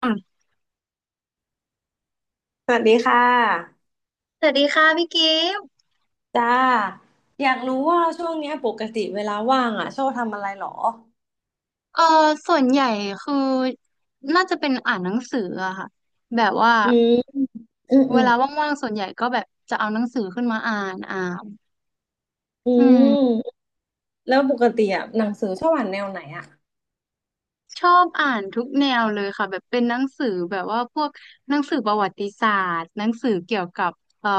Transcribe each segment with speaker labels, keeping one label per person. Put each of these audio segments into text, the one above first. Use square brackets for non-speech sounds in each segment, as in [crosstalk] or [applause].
Speaker 1: ส
Speaker 2: สวัสดีค่ะ
Speaker 1: วัสดีค่ะพี่กิฟต์
Speaker 2: จ้าอยากรู้ว่าช่วงเนี้ยปกติเวลาว่างอ่ะชอบทำอะไรหรอ
Speaker 1: เออส่วนใหญ่คือน่าจะเป็นอ่านหนังสืออะค่ะแบบว่า
Speaker 2: อืมอืมอื
Speaker 1: เว
Speaker 2: ม
Speaker 1: ลาว่างๆส่วนใหญ่ก็แบบจะเอาหนังสือขึ้นมาอ่าน
Speaker 2: อื
Speaker 1: อืม
Speaker 2: มแล้วปกติอ่ะหนังสือชอบอ่านแนวไหนอ่ะ
Speaker 1: ชอบอ่านทุกแนวเลยค่ะแบบเป็นหนังสือแบบว่าพวกหนังสือประวัติศาสตร์หนังสือเกี่ยวกับเอ่อ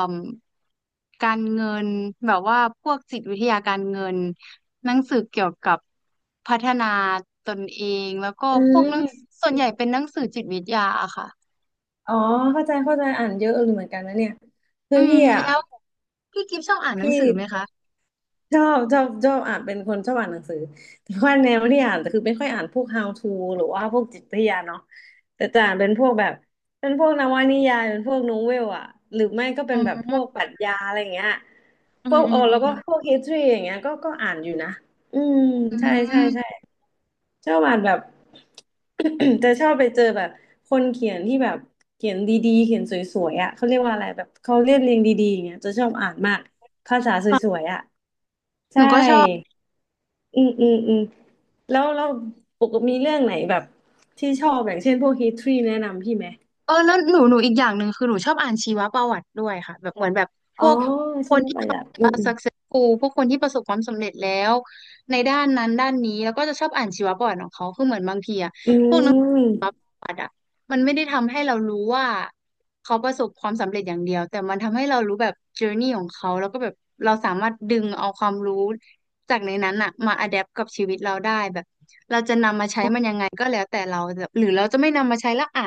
Speaker 1: การเงินแบบว่าพวกจิตวิทยาการเงินหนังสือเกี่ยวกับพัฒนาตนเองแล้วก็
Speaker 2: อื
Speaker 1: พวกหนัง
Speaker 2: ม
Speaker 1: ส่วนใหญ่เป็นหนังสือจิตวิทยาอะค่ะ
Speaker 2: อ๋อเข้าใจเข้าใจอ่านเยอะเลยเหมือนกันนะเนี่ยคือ
Speaker 1: อืม
Speaker 2: พี่อ่ะ
Speaker 1: แล้วพี่กิฟชอบอ่านหนัง
Speaker 2: พี่
Speaker 1: สือไหมคะ
Speaker 2: ชอบอ่านเป็นคนชอบอ่านหนังสือแต่ว่าแนวที่อ่านคือไม่ค่อยอ่านพวก How to หรือว่าพวกจิตวิทยาเนาะแต่จะอ่านเป็นพวกแบบเป็นพวกนวนิยายเป็นพวกโนเวลอะหรือไม่ก็เป็
Speaker 1: อ๋
Speaker 2: นแบบพวก
Speaker 1: อ
Speaker 2: ปรัชญาอะไรอย่างเงี้ย
Speaker 1: อื
Speaker 2: พว
Speaker 1: ม
Speaker 2: ก
Speaker 1: อื
Speaker 2: อ๋อ
Speaker 1: มอื
Speaker 2: แล้ว
Speaker 1: ม
Speaker 2: ก็พวก history อย่างเงี้ยก็อ่านอยู่นะอืม
Speaker 1: อื
Speaker 2: ใช่ใช่ใช่
Speaker 1: ม
Speaker 2: ชอบอ่านแบบ [coughs] [clears throat] จะชอบไปเจอแบบคนเขียนที่แบบเขียนดีๆเขียนสวยๆอ่ะเขาเรียกว่าอะไรแบบเขาเรียบเรียงดีๆอย่างเงี้ยจะชอบอ่านมากภาษาส
Speaker 1: ค่ะ
Speaker 2: วยๆอ่ะ
Speaker 1: ห
Speaker 2: ใช่
Speaker 1: นูก็ชอบ
Speaker 2: อืมอืมอืมแล้วเราปกติมีเรื่องไหนแบบที่ชอบอย่างเช่นพวก history แนะนำพี่ไหม
Speaker 1: เออแล้วหนูอีกอย่างหนึ่งคือหนูชอบอ่านชีวประวัติด้วยค่ะแบบเหมือนแบบพ
Speaker 2: อ๋อ
Speaker 1: วกค
Speaker 2: ชี
Speaker 1: น
Speaker 2: ว
Speaker 1: ที่
Speaker 2: ประ
Speaker 1: ท็อป
Speaker 2: วัติอืม
Speaker 1: กูพวกคนที่ประสบความสำเร็จแล้วในด้านนั้นด้านนี้แล้วก็จะชอบอ่านชีวประวัติของเขาคือเหมือนบางทีอะ
Speaker 2: อืมอืม
Speaker 1: ประวัติอะมันไม่ได้ทำให้เรารู้ว่าเขาประสบความสำเร็จอย่างเดียวแต่มันทำให้เรารู้แบบ journey ของเขาแล้วก็แบบเราสามารถดึงเอาความรู้จากในนั้นอะมา adapt กับชีวิตเราได้แบบ ไงก็แล้วแต่เราแบบหรือเราจะไม่นำมาใช้ละอ่ะ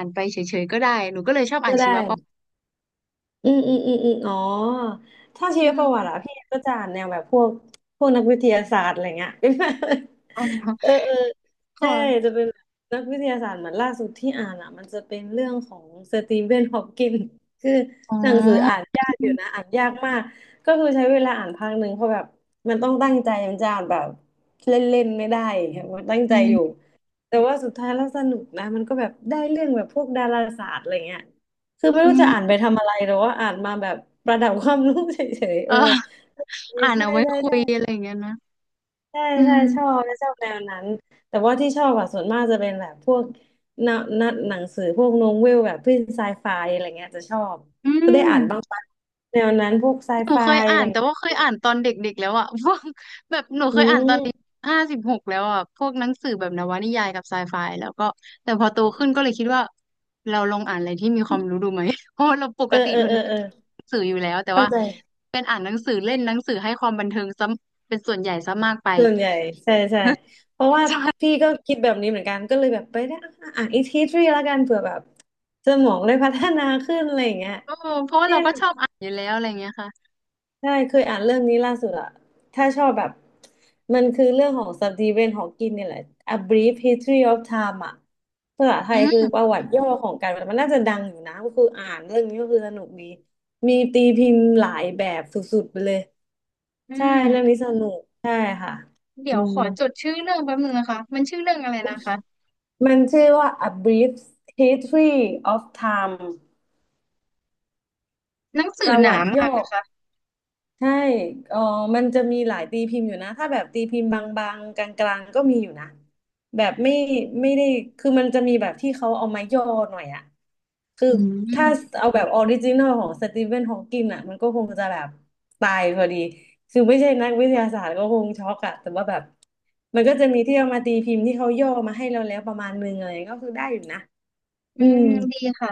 Speaker 2: ก็ได้ อืมอืมอืมอืมอ๋อถ้าชี
Speaker 1: อื
Speaker 2: วประวัติอะ
Speaker 1: ม
Speaker 2: พี่ก็จะอ่านแนวแบบพวกพวกนักวิทยาศาสตร์อะไรเงี้ย
Speaker 1: อ๋อ
Speaker 2: [laughs] เออเออใช่
Speaker 1: ค่ะ
Speaker 2: จะเป็นนักวิทยาศาสตร์เหมือนล่าสุดที่อ่านอะมันจะเป็นเรื่องของสตีเวนฮอปกินคือ
Speaker 1: อ๋อ
Speaker 2: หนังสืออ่านยากอ
Speaker 1: อื
Speaker 2: ยู่นะ
Speaker 1: ม
Speaker 2: อ่านยากมากก็คือใช้เวลาอ่านพักหนึ่งเพราะแบบมันต้องตั้งใจมันจะอ่านแบบเล่นๆไม่ได้อย่างเงี้ยมันตั้งใจอยู่แต่ว่าสุดท้ายแล้วสนุกนะมันก็แบบได้เรื่องแบบพวกดาราศาสตร์อะไรเงี้ย คือไม่
Speaker 1: อื
Speaker 2: รู้จะอ่านไป
Speaker 1: ม
Speaker 2: ทำอะไรหรือว่าอ่านมาแบบประดับความรู้เฉยๆเอ
Speaker 1: เอ
Speaker 2: อ
Speaker 1: อ
Speaker 2: ใช่
Speaker 1: อ่าน
Speaker 2: ใช่
Speaker 1: เอาไว้
Speaker 2: ใช่
Speaker 1: คุ
Speaker 2: ใช
Speaker 1: ยอะไรอย่างเงี้ยนะ
Speaker 2: ่
Speaker 1: อื
Speaker 2: ใช่ชอ
Speaker 1: ม
Speaker 2: บและชอบแนวนั้นแต่ว่าที่ชอบอะส่วนมากจะเป็นแบบพวกนนหนังสือพวกโนเวลแบบพว้นไซไฟอะไรเงี้ยจะชอบ
Speaker 1: อื
Speaker 2: ก็ได้อ่านบ้าง
Speaker 1: ม
Speaker 2: ปะแนวนั้นพวกไซ
Speaker 1: หนู
Speaker 2: ไฟ
Speaker 1: เคย
Speaker 2: อะ
Speaker 1: อ่า
Speaker 2: ไร
Speaker 1: นแต่
Speaker 2: เงี้ย
Speaker 1: ว่าเคยอ่านตอนเด็กๆแล้วอ่ะ [laughs] พวกแบบหนู
Speaker 2: อื
Speaker 1: เคยอ่าน
Speaker 2: ม
Speaker 1: 56แล้วอ่ะพวกหนังสือแบบนวนิยายกับไซไฟแล้วก็แต่พอโตขึ้นก็เลยคิดว่าเราลองอ่านอะไรที่มีความรู้ดูไหม [laughs] เพราะว่าเราป
Speaker 2: เอ
Speaker 1: ก
Speaker 2: อ
Speaker 1: ติ
Speaker 2: เออ
Speaker 1: ทุ
Speaker 2: เอ
Speaker 1: น
Speaker 2: อเออ
Speaker 1: หนังสืออยู่แล้วแต่
Speaker 2: เข้า
Speaker 1: ว่า
Speaker 2: ใจ
Speaker 1: เป็นอ่านหนังสือเล่นหนังสือให้ความบันเทิงซะเป็นส่วนใหญ่ซะมากไป [laughs]
Speaker 2: ส่วนใหญ่ใช่ใช่เพราะว่า
Speaker 1: ใช่
Speaker 2: พี่ก็คิดแบบนี้เหมือนกันก็เลยแบบไปได้อะอ่านอีกทีทรีแล้วกันเผื่อแบบสมองได้พัฒนาขึ้นอะไรอย่างเงี้ย
Speaker 1: เอ้เพราะว่า
Speaker 2: เนี่
Speaker 1: เรา
Speaker 2: ย
Speaker 1: ก็ชอบอ่านอยู่แล้วอะไรเงี้ยค่ะ
Speaker 2: ใช่เคยอ่านเรื่องนี้ล่าสุดอะถ้าชอบแบบมันคือเรื่องของสตีเวนฮอว์กินเนี่ยแหละ A Brief History of Time อะภาษาไท
Speaker 1: อื
Speaker 2: ยคือ
Speaker 1: ม
Speaker 2: ประวัติย่อของการมันน่าจะดังอยู่นะก็คืออ่านเรื่องนี้ก็คือสนุกดีมีตีพิมพ์หลายแบบสุดๆไปเลย
Speaker 1: อื
Speaker 2: ใช่
Speaker 1: ม
Speaker 2: เรื่องนี้สนุกใช่ค่ะ
Speaker 1: เดี๋
Speaker 2: อื
Speaker 1: ยว
Speaker 2: ม
Speaker 1: ขอจดชื่อเรื่องแป๊บนึงนะคะมันชื่อเรื่องอะไรนะคะ
Speaker 2: มันชื่อว่า A Brief History of Time
Speaker 1: หนัง
Speaker 2: ป
Speaker 1: สือ
Speaker 2: ระ
Speaker 1: ห
Speaker 2: วั
Speaker 1: นา
Speaker 2: ติโย่
Speaker 1: มา
Speaker 2: อ
Speaker 1: กนะคะ
Speaker 2: ใช่เออมันจะมีหลายตีพิมพ์อยู่นะ ถ้าแบบตีพิมพ์บางๆกลางๆก็มีอยู่นะ แบบไม่ได้ คือมันจะมีแบบที่เขาเอามาย่อหน่อยอะคือ
Speaker 1: อื
Speaker 2: ถ้า
Speaker 1: ม
Speaker 2: เอาแบบออริจินอลของสตีเวนฮอว์กินอะมันก็คงจะแบบตายพอดีคือไม่ใช่นักวิทยาศาสตร์ก็คงช็อกอะแต่ว่าแบบมันก็จะมีที่เอามาตีพิมพ์ที่เขาย่อมาให้เราแล้วประมาณนึงอะไรก็คือได้อยู่นะอื
Speaker 1: อื
Speaker 2: ม
Speaker 1: มดีค่ะ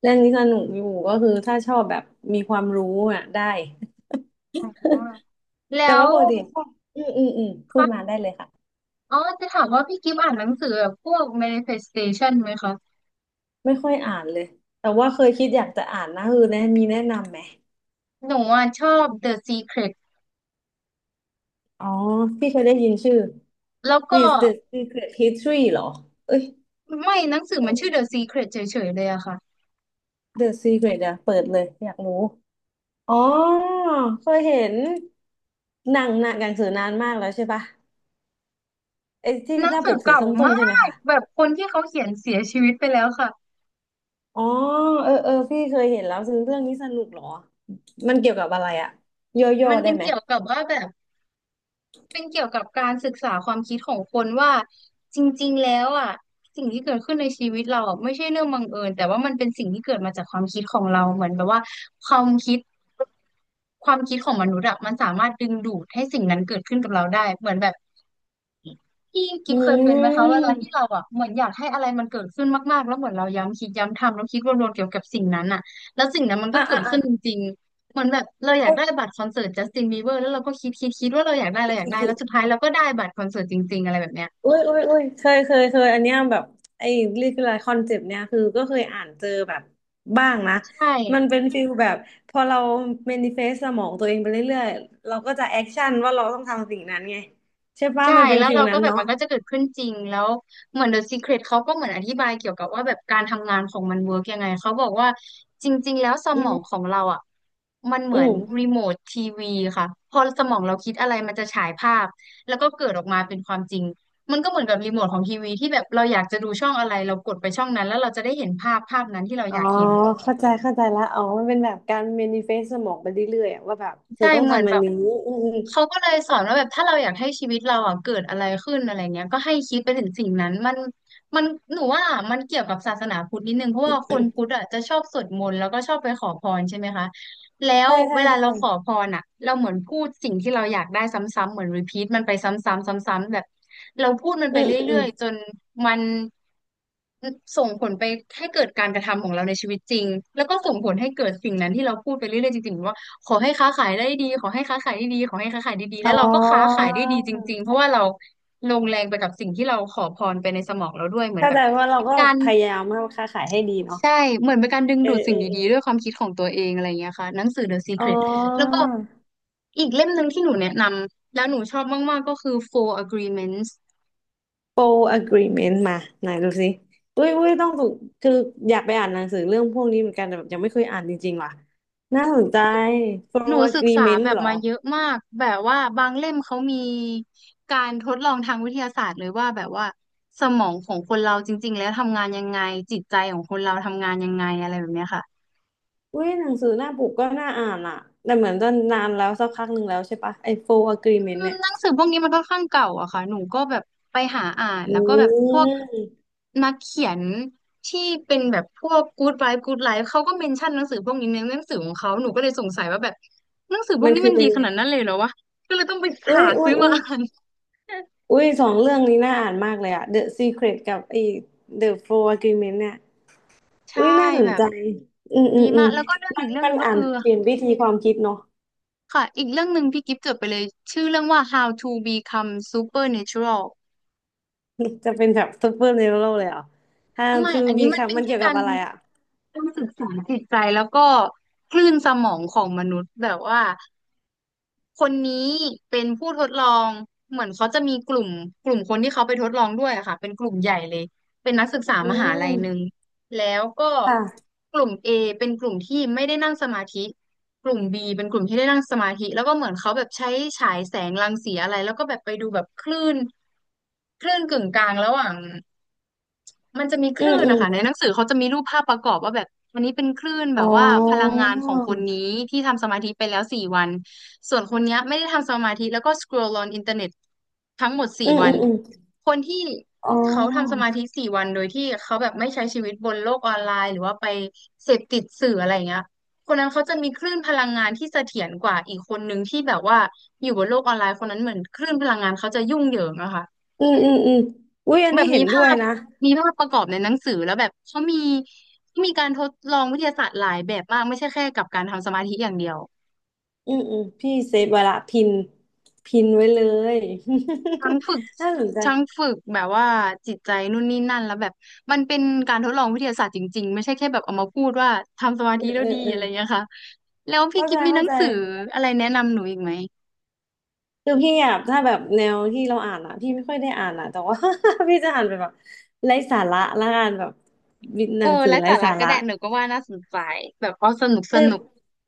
Speaker 2: เรื่องนี้สนุกอยู่ก็คือถ้าชอบแบบมีความรู้อ่ะได้
Speaker 1: อ๋อแล้
Speaker 2: แต่ว่า
Speaker 1: ว
Speaker 2: ปกติชอบอืมอืมอืมพูด
Speaker 1: คะ
Speaker 2: มาได้เลยค่ะ
Speaker 1: อ๋อจะถามว่าพี่กิฟต์อ่านหนังสือแบบพวก manifestation ไหมคะ
Speaker 2: ไม่ค่อยอ่านเลยแต่ว่าเคยคิดอยากจะอ่านนะคือแนะมีแนะนำไหม
Speaker 1: หนูอ่ะชอบ The Secret
Speaker 2: อ๋อพี่เคยได้ยินชื่อ
Speaker 1: แล้วก็
Speaker 2: This the Secret History เหรอเอ้ย
Speaker 1: ไม่หนังสือมันชื่อ The Secret เฉยๆเลยอะค่ะ
Speaker 2: The Secret เดี๋ยวเปิดเลยอยากรู้อ๋อเคยเห็นหนังสือนานมากแล้วใช่ปะไอ้ที่
Speaker 1: หนั
Speaker 2: ห
Speaker 1: ง
Speaker 2: น้าป
Speaker 1: สือ
Speaker 2: กสี
Speaker 1: เก่า
Speaker 2: ส้
Speaker 1: ม
Speaker 2: มๆใช่ไหม
Speaker 1: าก
Speaker 2: คะ
Speaker 1: แบบคนที่เขาเขียนเสียชีวิตไปแล้วค่ะ
Speaker 2: อ๋อเออเออพี่เคยเห็นแล้วซึ่งเรื่องนี้สนุกเหรอมันเกี่ยวกับอะไรอะโยโย่
Speaker 1: มัน
Speaker 2: ได้
Speaker 1: เป็น
Speaker 2: ไหม
Speaker 1: เกี่ยวกับว่าแบบ เป็นเกี่ยวกับการศึกษาความคิดของคนว่าจริงๆแล้วอ่ะสิ่งที่เกิดขึ้นในชีวิตเราอะไม่ใช่เรื่องบังเอิญแต่ว่ามันเป็นสิ่งที่เกิดมาจากความคิดของเราเหมือนแบบว่าความคิดความคิดของมนุษย์อะมันสามารถดึงดูดให้สิ่งนั้นเกิดขึ้นกับเราได้เหมือนแบบ พี่กิ
Speaker 2: อื
Speaker 1: มเคยเป็นไหมคะเวลา
Speaker 2: ม
Speaker 1: ที่เราอ่ะเหมือนอยากให้อะไรมันเกิดขึ้นมากๆแล้วเหมือนเราย้ำคิดย้ำทำแล้วคิดวนๆเกี่ยวกับสิ่งนั้นอ่ะแล้วสิ่งนั้นมัน
Speaker 2: อ่ะ
Speaker 1: ก็เกิ
Speaker 2: อ่ะ
Speaker 1: ด
Speaker 2: อ่ะ
Speaker 1: ขึ้นจริงๆเหมือนแบบเราอยาก
Speaker 2: อุ้ย
Speaker 1: ได้บัตรคอนเสิร์ตจัสตินบีเบอร์แล้วเราก็คิดว่าเราอยากได้เราอยากได้แล้วสุดท้ายเราก็ได้บัตรคอนเสิร์ตจริงๆอะไรแบบเนี้ย
Speaker 2: อุ้ยอุ้ยเคยอันเนี้ยแบบไอ้เรียกอะไรคอนเซปต์เนี้ยคือก็เคยอ่านเจอแบบบ้างนะ
Speaker 1: ใช่
Speaker 2: มันเป็นฟิลแบบพอเราเมนิเฟสสมองตัวเองไปเรื่อยๆเราก็จะแอคชั่นว่าเราต้องทำสิ่งนั้นไงใช่ป่ะ
Speaker 1: ใช่
Speaker 2: มันเป็น
Speaker 1: แล้ว
Speaker 2: ฟิล
Speaker 1: เรา
Speaker 2: นั้
Speaker 1: ก็
Speaker 2: น
Speaker 1: แบบ
Speaker 2: เนาะ
Speaker 1: มันก็จะเกิดขึ้นจริงแล้วเหมือน The Secret เขาก็เหมือนอธิบายเกี่ยวกับว่าแบบการทำงานของมันเวิร์กยังไงเขาบอกว่าจริงๆแล้วส
Speaker 2: อื
Speaker 1: มอง
Speaker 2: ม
Speaker 1: ของเราอ่ะมันเห
Speaker 2: อื
Speaker 1: มือน
Speaker 2: ม
Speaker 1: รีโมททีวีค่ะพอสมองเราคิดอะไรมันจะฉายภาพแล้วก็เกิดออกมาเป็นความจริงมันก็เหมือนกับรีโมทของทีวีที่แบบเราอยากจะดูช่องอะไรเรากดไปช่องนั้นแล้วเราจะได้เห็นภาพนั้นที่เรา
Speaker 2: อ๋อ
Speaker 1: อยากเห็น
Speaker 2: เข้าใจเข้าใจละอ๋อมันเป็นแบบการ manifest สมองไปเรื่อยๆอะว่าแบบเธอ
Speaker 1: ใช่
Speaker 2: ต้อง
Speaker 1: เหมือน
Speaker 2: ทำอั
Speaker 1: แบ
Speaker 2: น
Speaker 1: บ
Speaker 2: นี้อืม
Speaker 1: เขาก็เลยสอนว่าแบบถ้าเราอยากให้ชีวิตเราอ่ะเกิดอะไรขึ้นอะไรเงี้ยก็ให้คิดไปถึงสิ่งนั้นมันหนูว่ามันเกี่ยวกับศาสนาพุทธนิดนึงเพราะว่าคนพุทธอ่ะจะชอบสวดมนต์แล้วก็ชอบไปขอพรใช่ไหมคะแล้
Speaker 2: ๆ
Speaker 1: ว
Speaker 2: ใช่ใช่
Speaker 1: เวลาเราขอ
Speaker 2: ใช่
Speaker 1: พรอ่ะเราเหมือนพูดสิ่งที่เราอยากได้ซ้ำๆเหมือนรีพีทมันไปซ้ำๆซ้ำๆแบบเราพูดมัน
Speaker 2: อื
Speaker 1: ไป
Speaker 2: ม
Speaker 1: เร
Speaker 2: อืมอื
Speaker 1: ื่
Speaker 2: ม
Speaker 1: อยๆจนมันส่งผลไปให้เกิดการกระทำของเราในชีวิตจริงแล้วก็ส่งผลให้เกิดสิ่งนั้นที่เราพูดไปเรื่อยๆจริงๆว่า ขอให้ค้าขายได้ดีขอให้ค้าขายได้ดีขอให้ค้าขายได้ดี
Speaker 2: อ๋
Speaker 1: แล้วเราก็ค้า
Speaker 2: อ
Speaker 1: ขายได้ดีจริงๆเพราะว่าเราลงแรงไปกับสิ่งที่เราขอพรไปในสมองเราด้วยเหมือน
Speaker 2: เข้า
Speaker 1: แบ
Speaker 2: ใจ
Speaker 1: บ
Speaker 2: ว่าเรา
Speaker 1: เป็น
Speaker 2: ก็
Speaker 1: การ
Speaker 2: พยายามทาค้าขายให้ดีเนาะ
Speaker 1: ใช่เหมือนเป็นการดึง
Speaker 2: เอ
Speaker 1: ดู
Speaker 2: อ
Speaker 1: ด
Speaker 2: เอ
Speaker 1: สิ่ง
Speaker 2: อเอ
Speaker 1: ดีๆด้ว
Speaker 2: อ
Speaker 1: ยความคิดของตัวเองอะไรอย่างเงี้ยค่ะหนังสือ The
Speaker 2: อ๋อ
Speaker 1: Secret แล้วก็อีกเล่มหนึ่งที่หนูแนะนำแล้วหนูชอบมากๆก็คือ Four Agreements
Speaker 2: full agreement มาไหนดูสิอุ้ยอุ้ยต้องถูกคืออยากไปอ่านหนังสือเรื่องพวกนี้เหมือนกันแต่แบบยังไม่เคยอ่านจริงๆว่ะน่าสนใจ f u
Speaker 1: หนู
Speaker 2: l
Speaker 1: ศึกษา
Speaker 2: agreement
Speaker 1: แบ
Speaker 2: เห
Speaker 1: บ
Speaker 2: รอ
Speaker 1: มาเยอะมากแบบว่าบางเล่มเขามีการทดลองทางวิทยาศาสตร์เลยว่าแบบว่าสมองของคนเราจริงๆแล้วทำงานยังไงจิตใจของคนเราทำงานยังไงอะไรแบบเนี้ยค่ะ
Speaker 2: อุ้ยหนังสือหน้าปกก็น่าอ่านอ่ะแต่เหมือนจะนานแล้วสักพักหนึ่งแล้วใช่ปะไอ้โฟ u ์อ
Speaker 1: อ
Speaker 2: agreement
Speaker 1: ื
Speaker 2: เนี่
Speaker 1: ม
Speaker 2: ย
Speaker 1: หนังสือพวกนี้มันค่อนข้างเก่าอะค่ะหนูก็แบบไปหาอ่าน
Speaker 2: อื
Speaker 1: แล้วก็แบบพวก
Speaker 2: ม
Speaker 1: นักเขียนที่เป็นแบบพวก Good Life Good Life เขาก็เมนชั่นหนังสือพวกนี้ในหนังสือของเขาหนูก็เลยสงสัยว่าแบบหนังสือพว
Speaker 2: มั
Speaker 1: ก
Speaker 2: น
Speaker 1: นี้
Speaker 2: คือ
Speaker 1: มัน
Speaker 2: เป็
Speaker 1: ดี
Speaker 2: น
Speaker 1: ข
Speaker 2: ไง
Speaker 1: นาดนั้นเลยเหรอวะก็เลยต้องไป
Speaker 2: อุ้
Speaker 1: หา
Speaker 2: ยอุ้
Speaker 1: ซื้
Speaker 2: ย
Speaker 1: อ
Speaker 2: อุ้
Speaker 1: มา
Speaker 2: ย
Speaker 1: อ่าน
Speaker 2: อุ้ยสองเรื่องนี้น่าอ่านมากเลยอ่ะ The Secret กับไอ้ The f u r Agreement เนี่ย
Speaker 1: ใช่
Speaker 2: อุ้ยน่าสน
Speaker 1: แบ
Speaker 2: ใจ
Speaker 1: บ
Speaker 2: อืมอื
Speaker 1: ดี
Speaker 2: มอื
Speaker 1: มา
Speaker 2: ม
Speaker 1: กแล้วก็เรื่องอีกเรื่องห
Speaker 2: มัน
Speaker 1: นึ่งก็
Speaker 2: อ่าน
Speaker 1: คือ
Speaker 2: เปลี่ยนวิธีความคิดเนาะ
Speaker 1: ค่ะอีกเรื่องหนึ่งพี่กิฟต์จดไปเลยชื่อเรื่องว่า How to Become Supernatural
Speaker 2: [laughs] จะเป็นแบบซูเปอร์เนโรเลยเหรอ How
Speaker 1: ไม่
Speaker 2: to
Speaker 1: อันนี้มัน
Speaker 2: Become
Speaker 1: เป็น
Speaker 2: มัน
Speaker 1: แค่
Speaker 2: เกี่ยวกั
Speaker 1: กา
Speaker 2: บ
Speaker 1: ร
Speaker 2: อะไรอะ
Speaker 1: จิตใจแล้วก็คลื่นสมองของมนุษย์แบบว่า คนนี้เป็นผู้ทดลองเหมือนเขาจะมีกลุ่มคนที่เขาไปทดลองด้วยอะค่ะเป็นกลุ่มใหญ่เลยเป็นนักศึกษา
Speaker 2: อื
Speaker 1: มหาลัยหนึ่ง
Speaker 2: ม
Speaker 1: แล้วก็
Speaker 2: ค่ะ
Speaker 1: กลุ่ม A เป็นกลุ่มที่ไม่ได้นั่งสมาธิกลุ่ม B เป็นกลุ่มที่ได้นั่งสมาธิแล้วก็เหมือนเขาแบบใช้ฉายแสงรังสีอะไรแล้วก็แบบไปดูแบบคลื่นกึ่งกลางระหว่าง มันจะมีค
Speaker 2: อื
Speaker 1: ลื่
Speaker 2: ม
Speaker 1: น
Speaker 2: อืม
Speaker 1: นะคะในหนังสือเขาจะมีรูปภาพประกอบว่าแบบอันนี้เป็นคลื่นแบ
Speaker 2: อ๋
Speaker 1: บว่าพลัง
Speaker 2: อ
Speaker 1: งานของคนนี้ที่ทำสมาธิไปแล้วสี่วันส่วนคนเนี้ยไม่ได้ทำสมาธิแล้วก็สครอลอ n อินเทอร์เน็ตทั้งหมด
Speaker 2: อื
Speaker 1: สี่
Speaker 2: ม
Speaker 1: วั
Speaker 2: อื
Speaker 1: น
Speaker 2: มอืม
Speaker 1: คนที่
Speaker 2: อ๋
Speaker 1: เขาทำส
Speaker 2: อ
Speaker 1: มาธิสี่วันโดยที่เขาแบบไม่ใช้ชีวิตบนโลกออนไลน์หรือว่าไปเสพติดสื่ออะไรอย่างเงี้ยคนนั้นเขาจะมีคลื่นพลังงานที่เสถียรกว่าอีกคนนึงที่แบบว่าอยู่บนโลกออนไลน์คนนั้นเหมือนคลื่นพลังงานเขาจะยุ่งเหยิงอะค่ะ
Speaker 2: อืมอุ้ยอัน
Speaker 1: แบ
Speaker 2: นี้
Speaker 1: บ
Speaker 2: เห็
Speaker 1: มี
Speaker 2: นด้
Speaker 1: ภา
Speaker 2: วย
Speaker 1: พ
Speaker 2: นะ
Speaker 1: มีภาพประกอบในหนังสือแล้วแบบเขามีเขามีการทดลองวิทยาศาสตร์หลายแบบมากไม่ใช่แค่กับการทำสมาธิอย่างเดียว
Speaker 2: อืมพี่เซฟไว้ละพินพินไว้เลย
Speaker 1: ทั้งฝึก
Speaker 2: [laughs] น่าสนใจ
Speaker 1: ทั้งฝึกแบบว่าจิตใจนู่นนี่นั่นแล้วแบบมันเป็นการทดลองวิทยาศาสตร์จริงๆไม่ใช่แค่แบบเอามาพูดว่าทำสมา
Speaker 2: เอ
Speaker 1: ธิแล้ว
Speaker 2: อ
Speaker 1: ดี
Speaker 2: เออ
Speaker 1: อะไรอย่างเงี้ยค่ะแล้วพี่
Speaker 2: เข้า
Speaker 1: กิ
Speaker 2: ใจ
Speaker 1: ฟมีห
Speaker 2: เข้า
Speaker 1: นัง
Speaker 2: ใจ
Speaker 1: สืออะไรแนะนำหนูอีกไหม
Speaker 2: คือพี่อ่ะถ้าแบบแนวที่เราอ่านอ่ะพี่ไม่ค่อยได้อ่านอ่ะแต่ว่า [laughs] พี่จะอ่านไปแบบไร้สาระละกันแบบห
Speaker 1: เอ
Speaker 2: นั
Speaker 1: อ
Speaker 2: งสือ
Speaker 1: และ
Speaker 2: ไร้
Speaker 1: สาระ
Speaker 2: สา
Speaker 1: ก็
Speaker 2: ระ
Speaker 1: ได้หนูก็ว่าน่าสนใจแบบเอาสนุกสนุก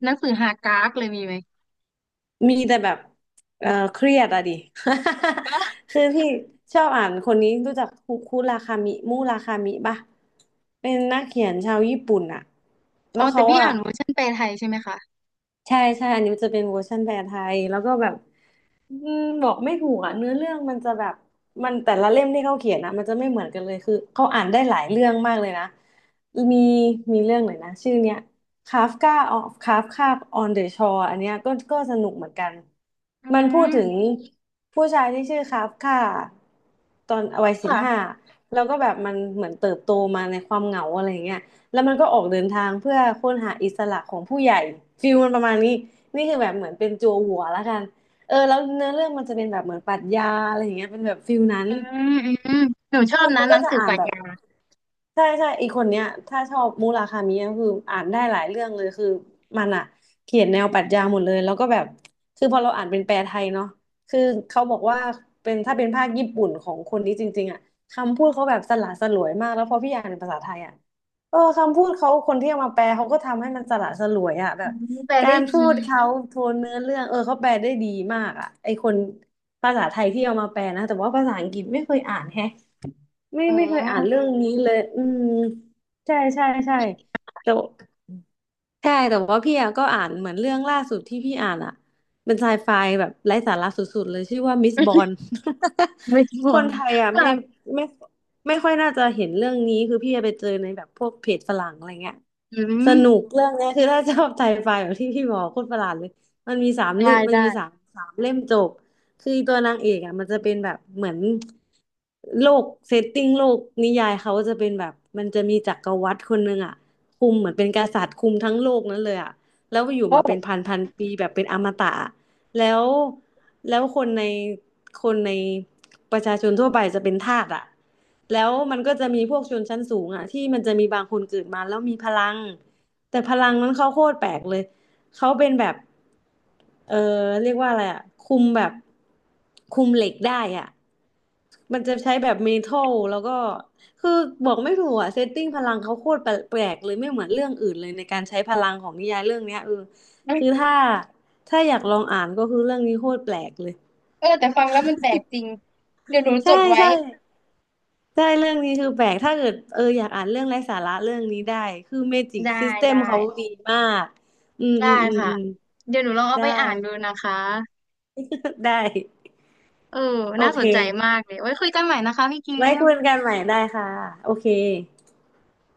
Speaker 1: หนังสือฮาการ์กเลยมีไหม
Speaker 2: มีแต่แบบเออเครียดอะดิ [laughs] คือพี่ชอบอ่านคนนี้รู้จักคุคุราคามิมุราคามิปะเป็นนักเขียนชาวญี่ปุ่นอะแล้
Speaker 1: อ๋
Speaker 2: ว
Speaker 1: อแต่
Speaker 2: เขา
Speaker 1: พี่
Speaker 2: อะ
Speaker 1: อ่านเวอร์ชันแปลไทยใช่ไหมคะ
Speaker 2: ใช่ อันนี้มันจะเป็นเวอร์ชันแปลไทยแล้วก็แบบ อืมบอกไม่ถูกอ่ะเนื้อเรื่องมันจะแบบมันแต่ละเล่มที่เขาเขียนนะมันจะไม่เหมือนกันเลยคือเขาอ่านได้หลายเรื่องมากเลยนะมีมีเรื่องไหนนะชื่อเนี้ยคาฟกาออฟคาฟคาบออนเดอะชอร์อันเนี้ยก็สนุกเหมือนกัน
Speaker 1: อื
Speaker 2: มันพูดถึง
Speaker 1: ม
Speaker 2: ผู้ชายที่ชื่อคาฟกาตอนวัย15
Speaker 1: ค่ะ
Speaker 2: แล้วก็แบบมันเหมือนเติบโตมาในความเหงาอะไรเงี้ยแล้วมันก็ออกเดินทางเพื่อค้นหาอิสระของผู้ใหญ่ฟิลมันประมาณนี้นี่คือแบบเหมือนเป็นจั่วหัวแล้วกัน เออแล้วเนื้อเรื่องมันจะเป็นแบบเหมือนปรัชญาอะไรอย่างเงี้ยเป็นแบบฟิลนั้น
Speaker 1: อืมอืมหนูชอ
Speaker 2: คื
Speaker 1: บ
Speaker 2: อมั
Speaker 1: นะ
Speaker 2: น
Speaker 1: ห
Speaker 2: ก็
Speaker 1: นัง
Speaker 2: จะ
Speaker 1: สือ
Speaker 2: อ่า
Speaker 1: ป
Speaker 2: น
Speaker 1: รัช
Speaker 2: แบบ
Speaker 1: ญา
Speaker 2: ใช่อีกคนเนี้ยถ้าชอบมุราคามิก็คืออ่านได้หลายเรื่องเลยคือมันอ่ะเขียนแนวปรัชญาหมดเลยแล้วก็แบบคือพอเราอ่านเป็นแปลไทยเนาะคือเขาบอกว่าเป็นถ้าเป็นภาคญี่ปุ่นของคนนี้จริงๆอ่ะคำพูดเขาแบบสละสลวยมากแล้วพอพี่อ่านเป็นภาษาไทยอ่ะเออคำพูดเขาคนที่เอามาแปลเขาก็ทำให้มันสละสลวยอ่ะแบ
Speaker 1: อื
Speaker 2: บ
Speaker 1: มแปล
Speaker 2: กา
Speaker 1: ได้
Speaker 2: รพู
Speaker 1: ดี
Speaker 2: ดเขาโทนเนื้อเรื่องเออเขาแปลได้ดีมากอ่ะไอคนภาษาไทยที่เอามาแปลนะแต่ว่าภาษาอังกฤษไม่เคยอ่านแฮะ ไม่
Speaker 1: อื
Speaker 2: ไม่เคยอ่าน
Speaker 1: ม
Speaker 2: เรื่องนี้เลยอืมใช่แต่ใช่แต่ว่าพี่อะก็อ่านเหมือนเรื่องล่าสุดที่พี่อ่านอะเป็นไซไฟแบบไร้สาระสุดๆเลยชื่อว่ามิสบอน
Speaker 1: ไม่ท
Speaker 2: [laughs] คน
Speaker 1: น
Speaker 2: ไทยอะ
Speaker 1: ค่ะ
Speaker 2: ไม่ไม่ค่อยน่าจะเห็นเรื่องนี้คือพี่ไปเจอในแบบพวกเพจฝรั่งอะไรเงี้ย
Speaker 1: อื
Speaker 2: สนุก
Speaker 1: ม
Speaker 2: เรื่องเนี้ยคือถ้าชอบไซไฟแบบที่พี่บอกโคตรประหลาดเลยมันมีสามเรื่
Speaker 1: ได้
Speaker 2: องมัน
Speaker 1: ได้
Speaker 2: มีสามสามเล่มจบ คือตัวนางเอกอ่ะมันจะเป็นแบบเหมือนโลกเซตติ้งโลกนิยายเขาจะเป็นแบบมันจะมีจักรวรรดิคนหนึ่งอ่ะคุมเหมือนเป็นกษัตริย์คุมทั้งโลกนั้นเลยอ่ะแล้วอยู่
Speaker 1: โอ้
Speaker 2: มาเป็นพันพันปีแบบเป็นอมตะแล้วแล้วคนในคนในประชาชนทั่วไปจะเป็นทาสอ่ะแล้วมันก็จะมีพวกชนชั้นสูงอ่ะที่มันจะมีบางคนเกิดมาแล้วมีพลังแต่พลังนั้นเขาโคตรแปลกเลย เขาเป็นแบบเออเรียกว่าอะไรอ่ะคุมแบบคุมเหล็กได้อ่ะมันจะใช้แบบเมทัลแล้วก็คือบอกไม่ถูกอ่ะเซตติ้งพลังเขาโคตรแปลกๆเลยไม่เหมือนเรื่องอื่นเลยในการใช้พลังของนิยายเรื่องเนี้ยเออคือถ้าอยากลองอ่านก็คือเรื่องนี้โคตรแปลกเลย
Speaker 1: เออแต่ฟังแล้วมันแปลกจริงเดี๋ยวหนูจ
Speaker 2: ใช่
Speaker 1: ดไว้
Speaker 2: ใช่ใช่เรื่องนี้คือแปลกถ้าเกิดเอออยากอ่านเรื่องไร้สาระเรื่องนี้ได้คือเมจิกซิ
Speaker 1: ได้
Speaker 2: สเต็ม
Speaker 1: ได้
Speaker 2: เขาดีมากอืม
Speaker 1: ได้
Speaker 2: อืมอืม
Speaker 1: ค่ะ
Speaker 2: อืม
Speaker 1: เดี๋ยวหนูลองเอา
Speaker 2: ได้
Speaker 1: ไปอ่านดูนะคะ
Speaker 2: [laughs] ได้
Speaker 1: เออ
Speaker 2: โอ
Speaker 1: น่า
Speaker 2: เค
Speaker 1: สนใจมากเลยไว้คุยกันใหม่นะคะพี่เ๊
Speaker 2: ไว้
Speaker 1: ม
Speaker 2: คุยกันใหม่ได้ค่ะโอเค